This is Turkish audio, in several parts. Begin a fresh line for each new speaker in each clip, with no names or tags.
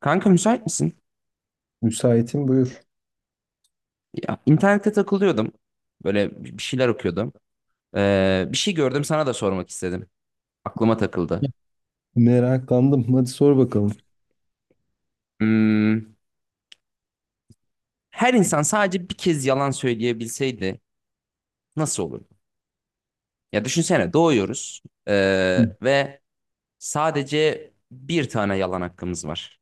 Kanka müsait misin?
Müsaitim, buyur.
Ya, internette takılıyordum. Böyle bir şeyler okuyordum. Bir şey gördüm, sana da sormak istedim. Aklıma takıldı.
Meraklandım, hadi sor bakalım.
Hmm, Her insan sadece bir kez yalan söyleyebilseydi nasıl olurdu? Ya düşünsene, doğuyoruz
Hı.
ve sadece bir tane yalan hakkımız var.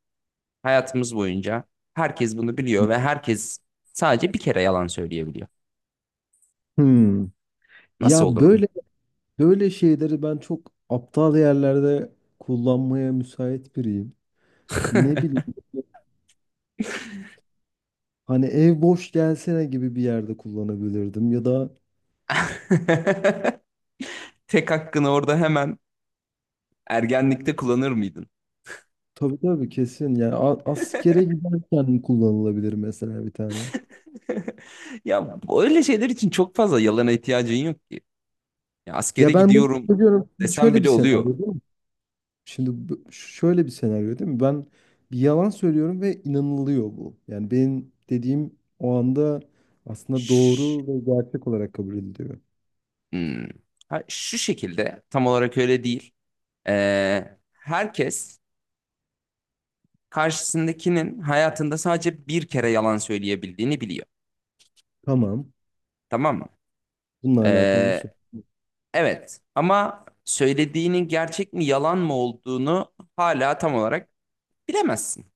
Hayatımız boyunca herkes bunu biliyor ve herkes sadece bir kere yalan söyleyebiliyor.
Hmm.
Nasıl
Ya,
olurdu?
böyle şeyleri ben çok aptal yerlerde kullanmaya müsait biriyim. Ne bileyim, hani ev boş gelsene gibi bir yerde kullanabilirdim, ya da
Tek hakkını orada hemen ergenlikte kullanır mıydın?
tabii tabii kesin yani, askere giderken kullanılabilir mesela bir tane.
Ya öyle şeyler için çok fazla yalana ihtiyacın yok ki. Ya askere
Ya ben bunu
gidiyorum
söylüyorum,
desem
şöyle bir
bile
senaryo.
oluyor.
Şimdi şöyle bir senaryo değil mi? Ben bir yalan söylüyorum ve inanılıyor bu. Yani benim dediğim o anda aslında doğru
Şş,
ve gerçek olarak kabul ediliyor.
hmm. Ha, şu şekilde tam olarak öyle değil. Herkes karşısındakinin hayatında sadece bir kere yalan söyleyebildiğini biliyor.
Tamam.
Tamam mı?
Bununla alakalı bir soru.
Ee, evet, ama söylediğinin gerçek mi yalan mı olduğunu hala tam olarak bilemezsin.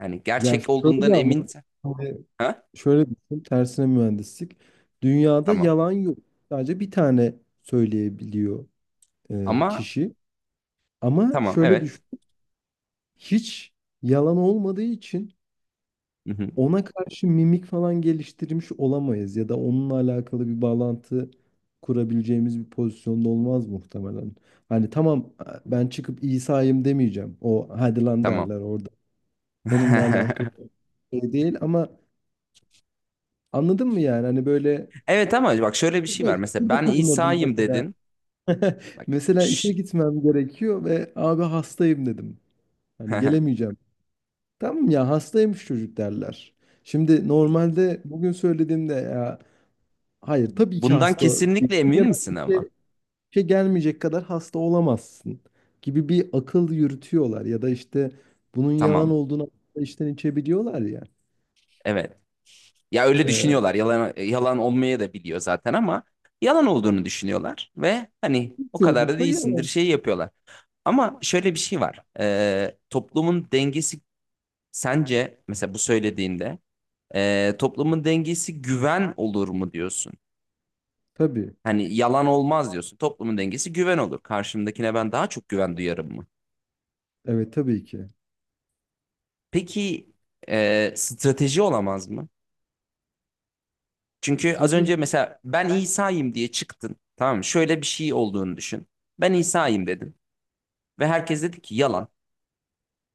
Yani
Ya
gerçek olduğundan
şöyle, ama
emin...
hani
Ha?
şöyle düşün. Tersine mühendislik. Dünyada
Tamam.
yalan yok. Sadece bir tane söyleyebiliyor
Ama
kişi. Ama
tamam,
şöyle
evet.
düşün. Hiç yalan olmadığı için ona karşı mimik falan geliştirmiş olamayız, ya da onunla alakalı bir bağlantı kurabileceğimiz bir pozisyonda olmaz muhtemelen. Hani tamam, ben çıkıp İsa'yım demeyeceğim. O hadi lan
Tamam.
derler orada. Onunla alakalı şey değil ama, anladın mı yani? Hani böyle
Evet, ama bak, şöyle bir şey var. Mesela
burada
ben
kullanırdım
İsa'yım
mesela.
dedin. Bak,
Mesela işe
şş-
gitmem gerekiyor ve abi hastayım dedim. Hani gelemeyeceğim. Tamam ya, hastaymış çocuk derler. Şimdi normalde bugün söylediğimde ya hayır, tabii ki
Bundan
hasta
kesinlikle emin
ya da
misin ama?
işte şey, gelmeyecek kadar hasta olamazsın gibi bir akıl yürütüyorlar, ya da işte bunun yalan
Tamam.
olduğunu işten içten içebiliyorlar ya.
Evet. Ya öyle
Ee,
düşünüyorlar. Yalan yalan olmaya da biliyor zaten, ama yalan olduğunu düşünüyorlar ve hani o kadar da
çoğunlukla
değilsindir
yalan.
şey yapıyorlar. Ama şöyle bir şey var. Toplumun dengesi, sence mesela bu söylediğinde toplumun dengesi güven olur mu diyorsun?
Tabii.
Hani yalan olmaz diyorsun. Toplumun dengesi güven olur. Karşımdakine ben daha çok güven duyarım mı?
Evet, tabii ki.
Peki strateji olamaz mı? Çünkü az
Strateji.
önce mesela ben İsa'yım diye çıktın. Tamam mı? Şöyle bir şey olduğunu düşün. Ben İsa'yım dedin. Ve herkes dedi ki yalan.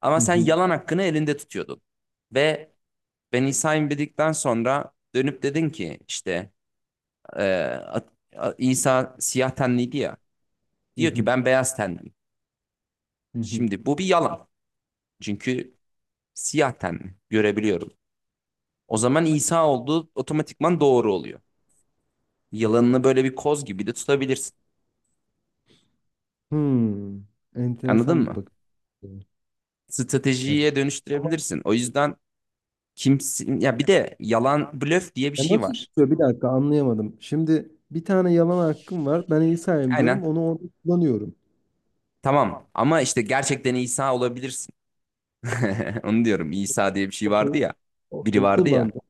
Ama
Hı
sen
hı.
yalan hakkını elinde tutuyordun. Ve ben İsa'yım dedikten sonra dönüp dedin ki işte e, İsa siyah tenliydi ya.
Hı
Diyor ki
hı.
ben beyaz tenliyim.
Hı hı.
Şimdi bu bir yalan. Çünkü siyah tenli. Görebiliyorum. O zaman İsa olduğu otomatikman doğru oluyor. Yalanını böyle bir koz gibi de tutabilirsin.
Hmm.
Anladın
Enteresan bir
mı?
bakış. Açısı. Ya,
Stratejiye
ama
dönüştürebilirsin. O yüzden kimsin ya, bir de yalan blöf diye bir
ya
şey
nasıl
var.
tutuyor? Bir dakika, anlayamadım. Şimdi bir tane yalan hakkım var. Ben İsa'yım diyorum.
Aynen.
Onu orada kullanıyorum.
Tamam, ama işte gerçekten İsa olabilirsin. Onu diyorum. İsa diye bir şey vardı
Okey.
ya. Biri
Okey,
vardı ya.
kullandım.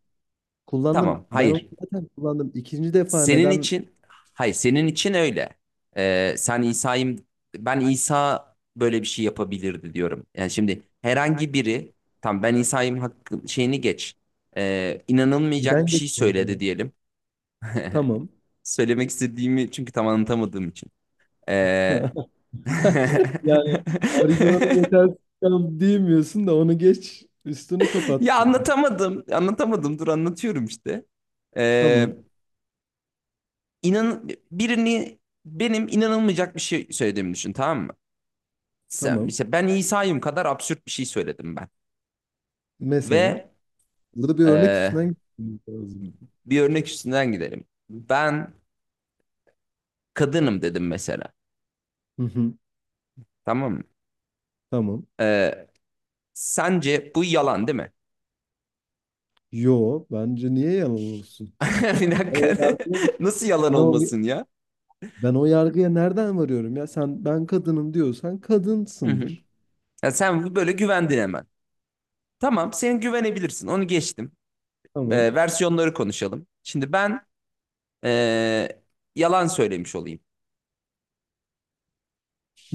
Tamam.
Kullandım, ben onu
Hayır.
zaten kullandım. İkinci defa
Senin
neden
için, hayır senin için öyle. Sen İsa'yım, ben İsa böyle bir şey yapabilirdi diyorum. Yani şimdi herhangi biri tam ben İsa'yım hakkı, şeyini geç. İnanılmayacak bir
neden
şey
geçmiyorum ya?
söyledi diyelim.
Tamam.
Söylemek istediğimi çünkü tam anlatamadığım için. Ee,
Yani, argümanım yetersiz kaldı diyemiyorsun da onu geç, üstünü
Ya
kapattın.
anlatamadım. Anlatamadım. Dur, anlatıyorum işte. Ee,
Tamam.
inan birini, benim inanılmayacak bir şey söylediğimi düşün, tamam mı? Sen-
Tamam.
işte ben İsa'yım kadar absürt bir şey söyledim ben.
Mesela
Ve
burada bir örnek
e,
üstünden gitmemiz lazım.
bir örnek üstünden gidelim. Ben kadınım dedim mesela.
Hı hı.
Tamam mı?
Tamam.
E, Sence bu yalan değil mi?
Yo, bence niye yalan olsun?
Bir
Ben o
dakika.
yargıya,
Nasıl yalan
ben o,
olmasın ya?
ben o yargıya nereden varıyorum ya? Sen ben kadınım diyorsan
Hı hı.
kadınsındır.
Ya sen böyle güvendin hemen. Tamam, sen güvenebilirsin. Onu geçtim.
Tamam.
Versiyonları konuşalım. Şimdi ben e, yalan söylemiş olayım.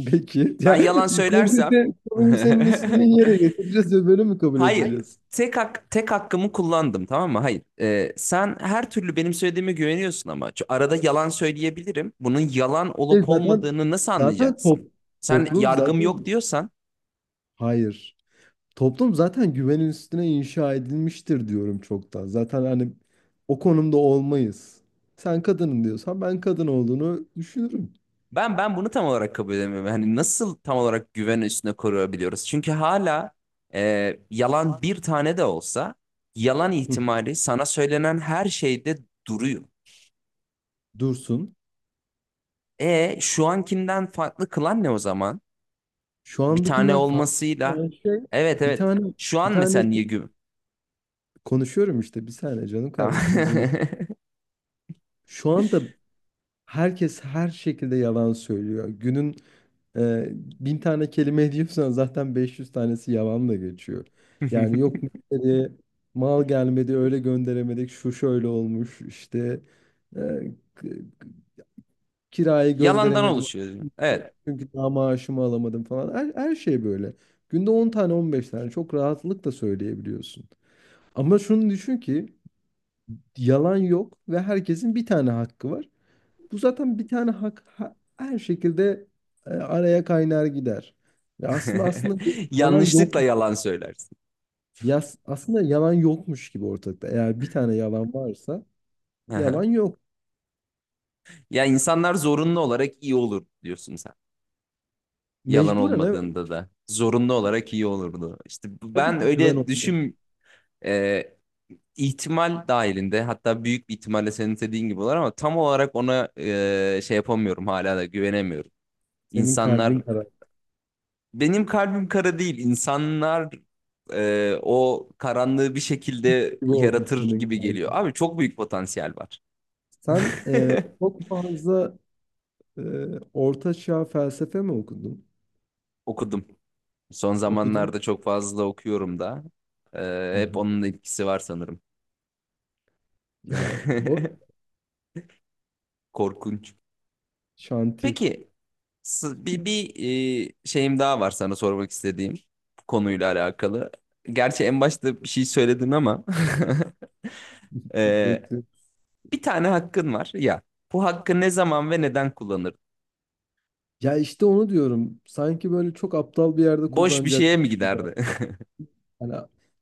Peki.
Ben
Ya
yalan söylersem
konuyu senin istediğin yere getireceğiz ve böyle mi kabul
hayır.
edeceğiz?
Tek hakkımı kullandım, tamam mı? Hayır. Sen her türlü benim söylediğime güveniyorsun, ama şu arada yalan söyleyebilirim. Bunun yalan
E
olup
zaten
olmadığını nasıl
zaten top,
anlayacaksın? Sen
toplum
yargım yok
zaten,
diyorsan
hayır. Toplum zaten güvenin üstüne inşa edilmiştir diyorum çoktan. Zaten hani o konumda olmayız. Sen kadının diyorsan ben kadın olduğunu düşünürüm.
ben ben bunu tam olarak kabul edemiyorum. Hani nasıl tam olarak güven üstüne koruyabiliyoruz? Çünkü hala yalan bir tane de olsa yalan
Hı.
ihtimali sana söylenen her şeyde duruyor.
Dursun.
E şu ankinden farklı kılan ne o zaman?
Şu
Bir tane
andakinden farklı
olmasıyla.
olan şey
Evet,
bir
evet.
tane
Şu
bir
an mesela
tane
niye güm?
konuşuyorum işte, bir saniye canım
Tamam.
kardeşim, izin. Şu anda herkes her şekilde yalan söylüyor. Günün e, 1000 tane kelime ediyorsan zaten 500 tanesi yalanla geçiyor. Yani yok müşteri, mal gelmedi öyle gönderemedik, şu şöyle olmuş işte, e, k- kirayı
Yalandan
gönderemedim
oluşuyor. Evet.
çünkü daha maaşımı alamadım falan, her şey böyle. Günde 10 tane, 15 tane çok rahatlıkla söyleyebiliyorsun. Ama şunu düşün ki yalan yok ve herkesin bir tane hakkı var. Bu zaten bir tane hak, her şekilde araya kaynar gider. Ve aslında bu yalan
Yanlışlıkla
yok.
yalan söylersin.
Aslında yalan yokmuş gibi ortalıkta. Eğer bir tane yalan varsa
Hı
yalan
hı.
yok.
Ya insanlar zorunlu olarak iyi olur diyorsun sen. Yalan
Mecburen evet.
olmadığında da zorunlu olarak iyi olurdu. İşte
Tabii
ben
ki güven
öyle
olmuyor.
düşün, e, ihtimal dahilinde, hatta büyük bir ihtimalle senin dediğin gibi olur, ama tam olarak ona şey yapamıyorum, hala da güvenemiyorum.
Senin kalbin
İnsanlar...
karar
Benim kalbim kara değil. İnsanlar o karanlığı bir şekilde
gibi olmuş,
yaratır
senin
gibi geliyor.
kalbin.
Abi, çok büyük potansiyel var.
Sen çok fazla e, orta çağ felsefe mi okudun?
Okudum. Son
Okudun.
zamanlarda çok fazla okuyorum da.
Hı
Hep
hı.
onun etkisi var sanırım.
Ya bu
Korkunç.
şanti.
Peki, bir şeyim daha var sana sormak istediğim, konuyla alakalı. Gerçi en başta bir şey söyledin ama e, bir tane hakkın var ya. Bu hakkı ne zaman ve neden kullanırdın?
Ya işte onu diyorum. Sanki böyle çok aptal bir yerde
Boş bir şeye
kullanacakmış
mi
gibi.
giderdi?
Hani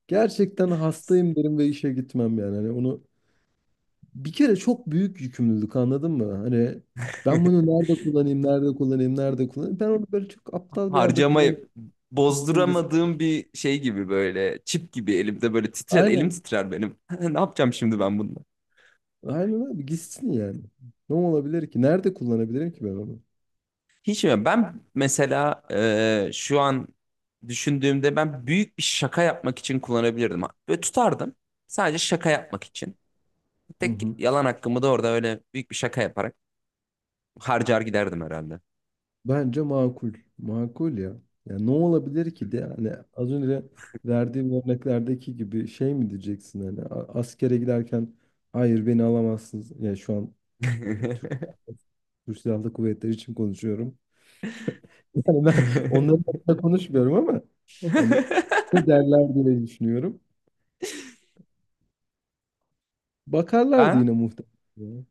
gerçekten hastayım derim ve işe gitmem yani. Hani onu, bir kere çok büyük yükümlülük, anladın mı? Hani ben bunu nerede kullanayım, nerede kullanayım, nerede kullanayım? Ben onu böyle çok aptal bir yerde kullanıp
Harcamayı
gitsin gitsin.
bozduramadığım bir şey gibi, böyle çip gibi elimde, böyle titrer elim,
Aynen.
titrer benim. Ne yapacağım şimdi ben bununla?
Aynen abi, gitsin yani. Ne olabilir ki? Nerede kullanabilirim ki ben onu?
Hiç mi? Ben mesela şu an düşündüğümde ben büyük bir şaka yapmak için kullanabilirdim. Böyle tutardım. Sadece şaka yapmak için.
Hı
Tek
hı.
yalan hakkımı da orada öyle büyük bir şaka yaparak harcar giderdim herhalde.
Bence makul. Makul ya. Ya ne olabilir ki de, yani az önce verdiğim örneklerdeki gibi şey mi diyeceksin, hani askere giderken hayır beni alamazsınız. Ya şu an Türk, Türk Silahlı Kuvvetleri için konuşuyorum. Yani ben onların hakkında konuşmuyorum ama hani ne derler diye düşünüyorum. Bakarlardı
Ben...
yine muhtemelen. Ya.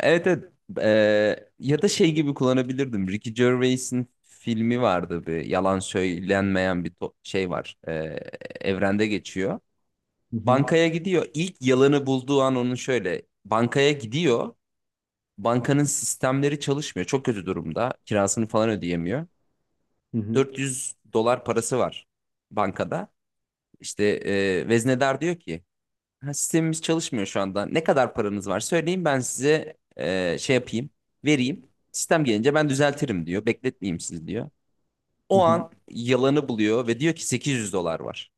Evet, evet. Ya da şey gibi kullanabilirdim. Ricky Gervais'in filmi vardı, bir yalan söylenmeyen bir şey var. Evrende geçiyor.
Hı hı,
Bankaya gidiyor. İlk yalanı bulduğu an onun şöyle. Bankaya gidiyor. Bankanın sistemleri çalışmıyor. Çok kötü durumda. Kirasını falan ödeyemiyor.
hı hı,
400 dolar parası var bankada. İşte veznedar diyor ki, ha, sistemimiz çalışmıyor şu anda. Ne kadar paranız var söyleyin, ben size şey yapayım, vereyim. Sistem gelince ben düzeltirim diyor. Bekletmeyeyim sizi diyor.
hı
O
hı,
an yalanı buluyor ve diyor ki 800 dolar var.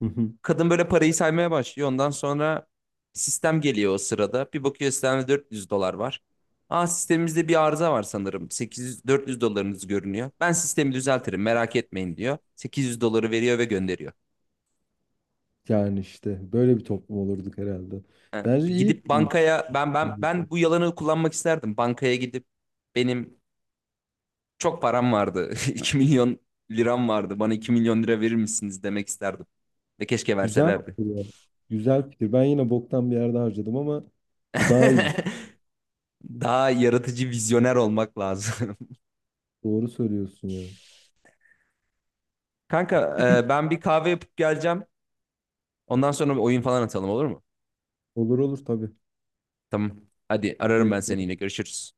hı hı.
Kadın böyle parayı saymaya başlıyor. Ondan sonra sistem geliyor o sırada. Bir bakıyor, sistemde 400 dolar var. Aa, sistemimizde bir arıza var sanırım. 800 400 dolarınız görünüyor. Ben sistemi düzeltirim, merak etmeyin diyor. 800 doları veriyor ve gönderiyor.
Yani işte böyle bir toplum olurduk herhalde.
Evet,
Bence iyi
gidip
kurulmuş.
bankaya ben bu yalanı kullanmak isterdim. Bankaya gidip benim çok param vardı. 2 milyon liram vardı. Bana 2 milyon lira verir misiniz demek isterdim. Ve keşke
Güzel
verselerdi.
fikir ya. Güzel fikir. Ben yine boktan bir yerde harcadım ama o daha iyi bir fikir.
Daha yaratıcı, vizyoner olmak lazım.
Doğru söylüyorsun ya.
Kanka, ben bir kahve yapıp geleceğim. Ondan sonra bir oyun falan atalım, olur mu?
Olur olur tabii.
Tamam. Hadi, ararım ben seni
Bekliyorum.
yine. Görüşürüz.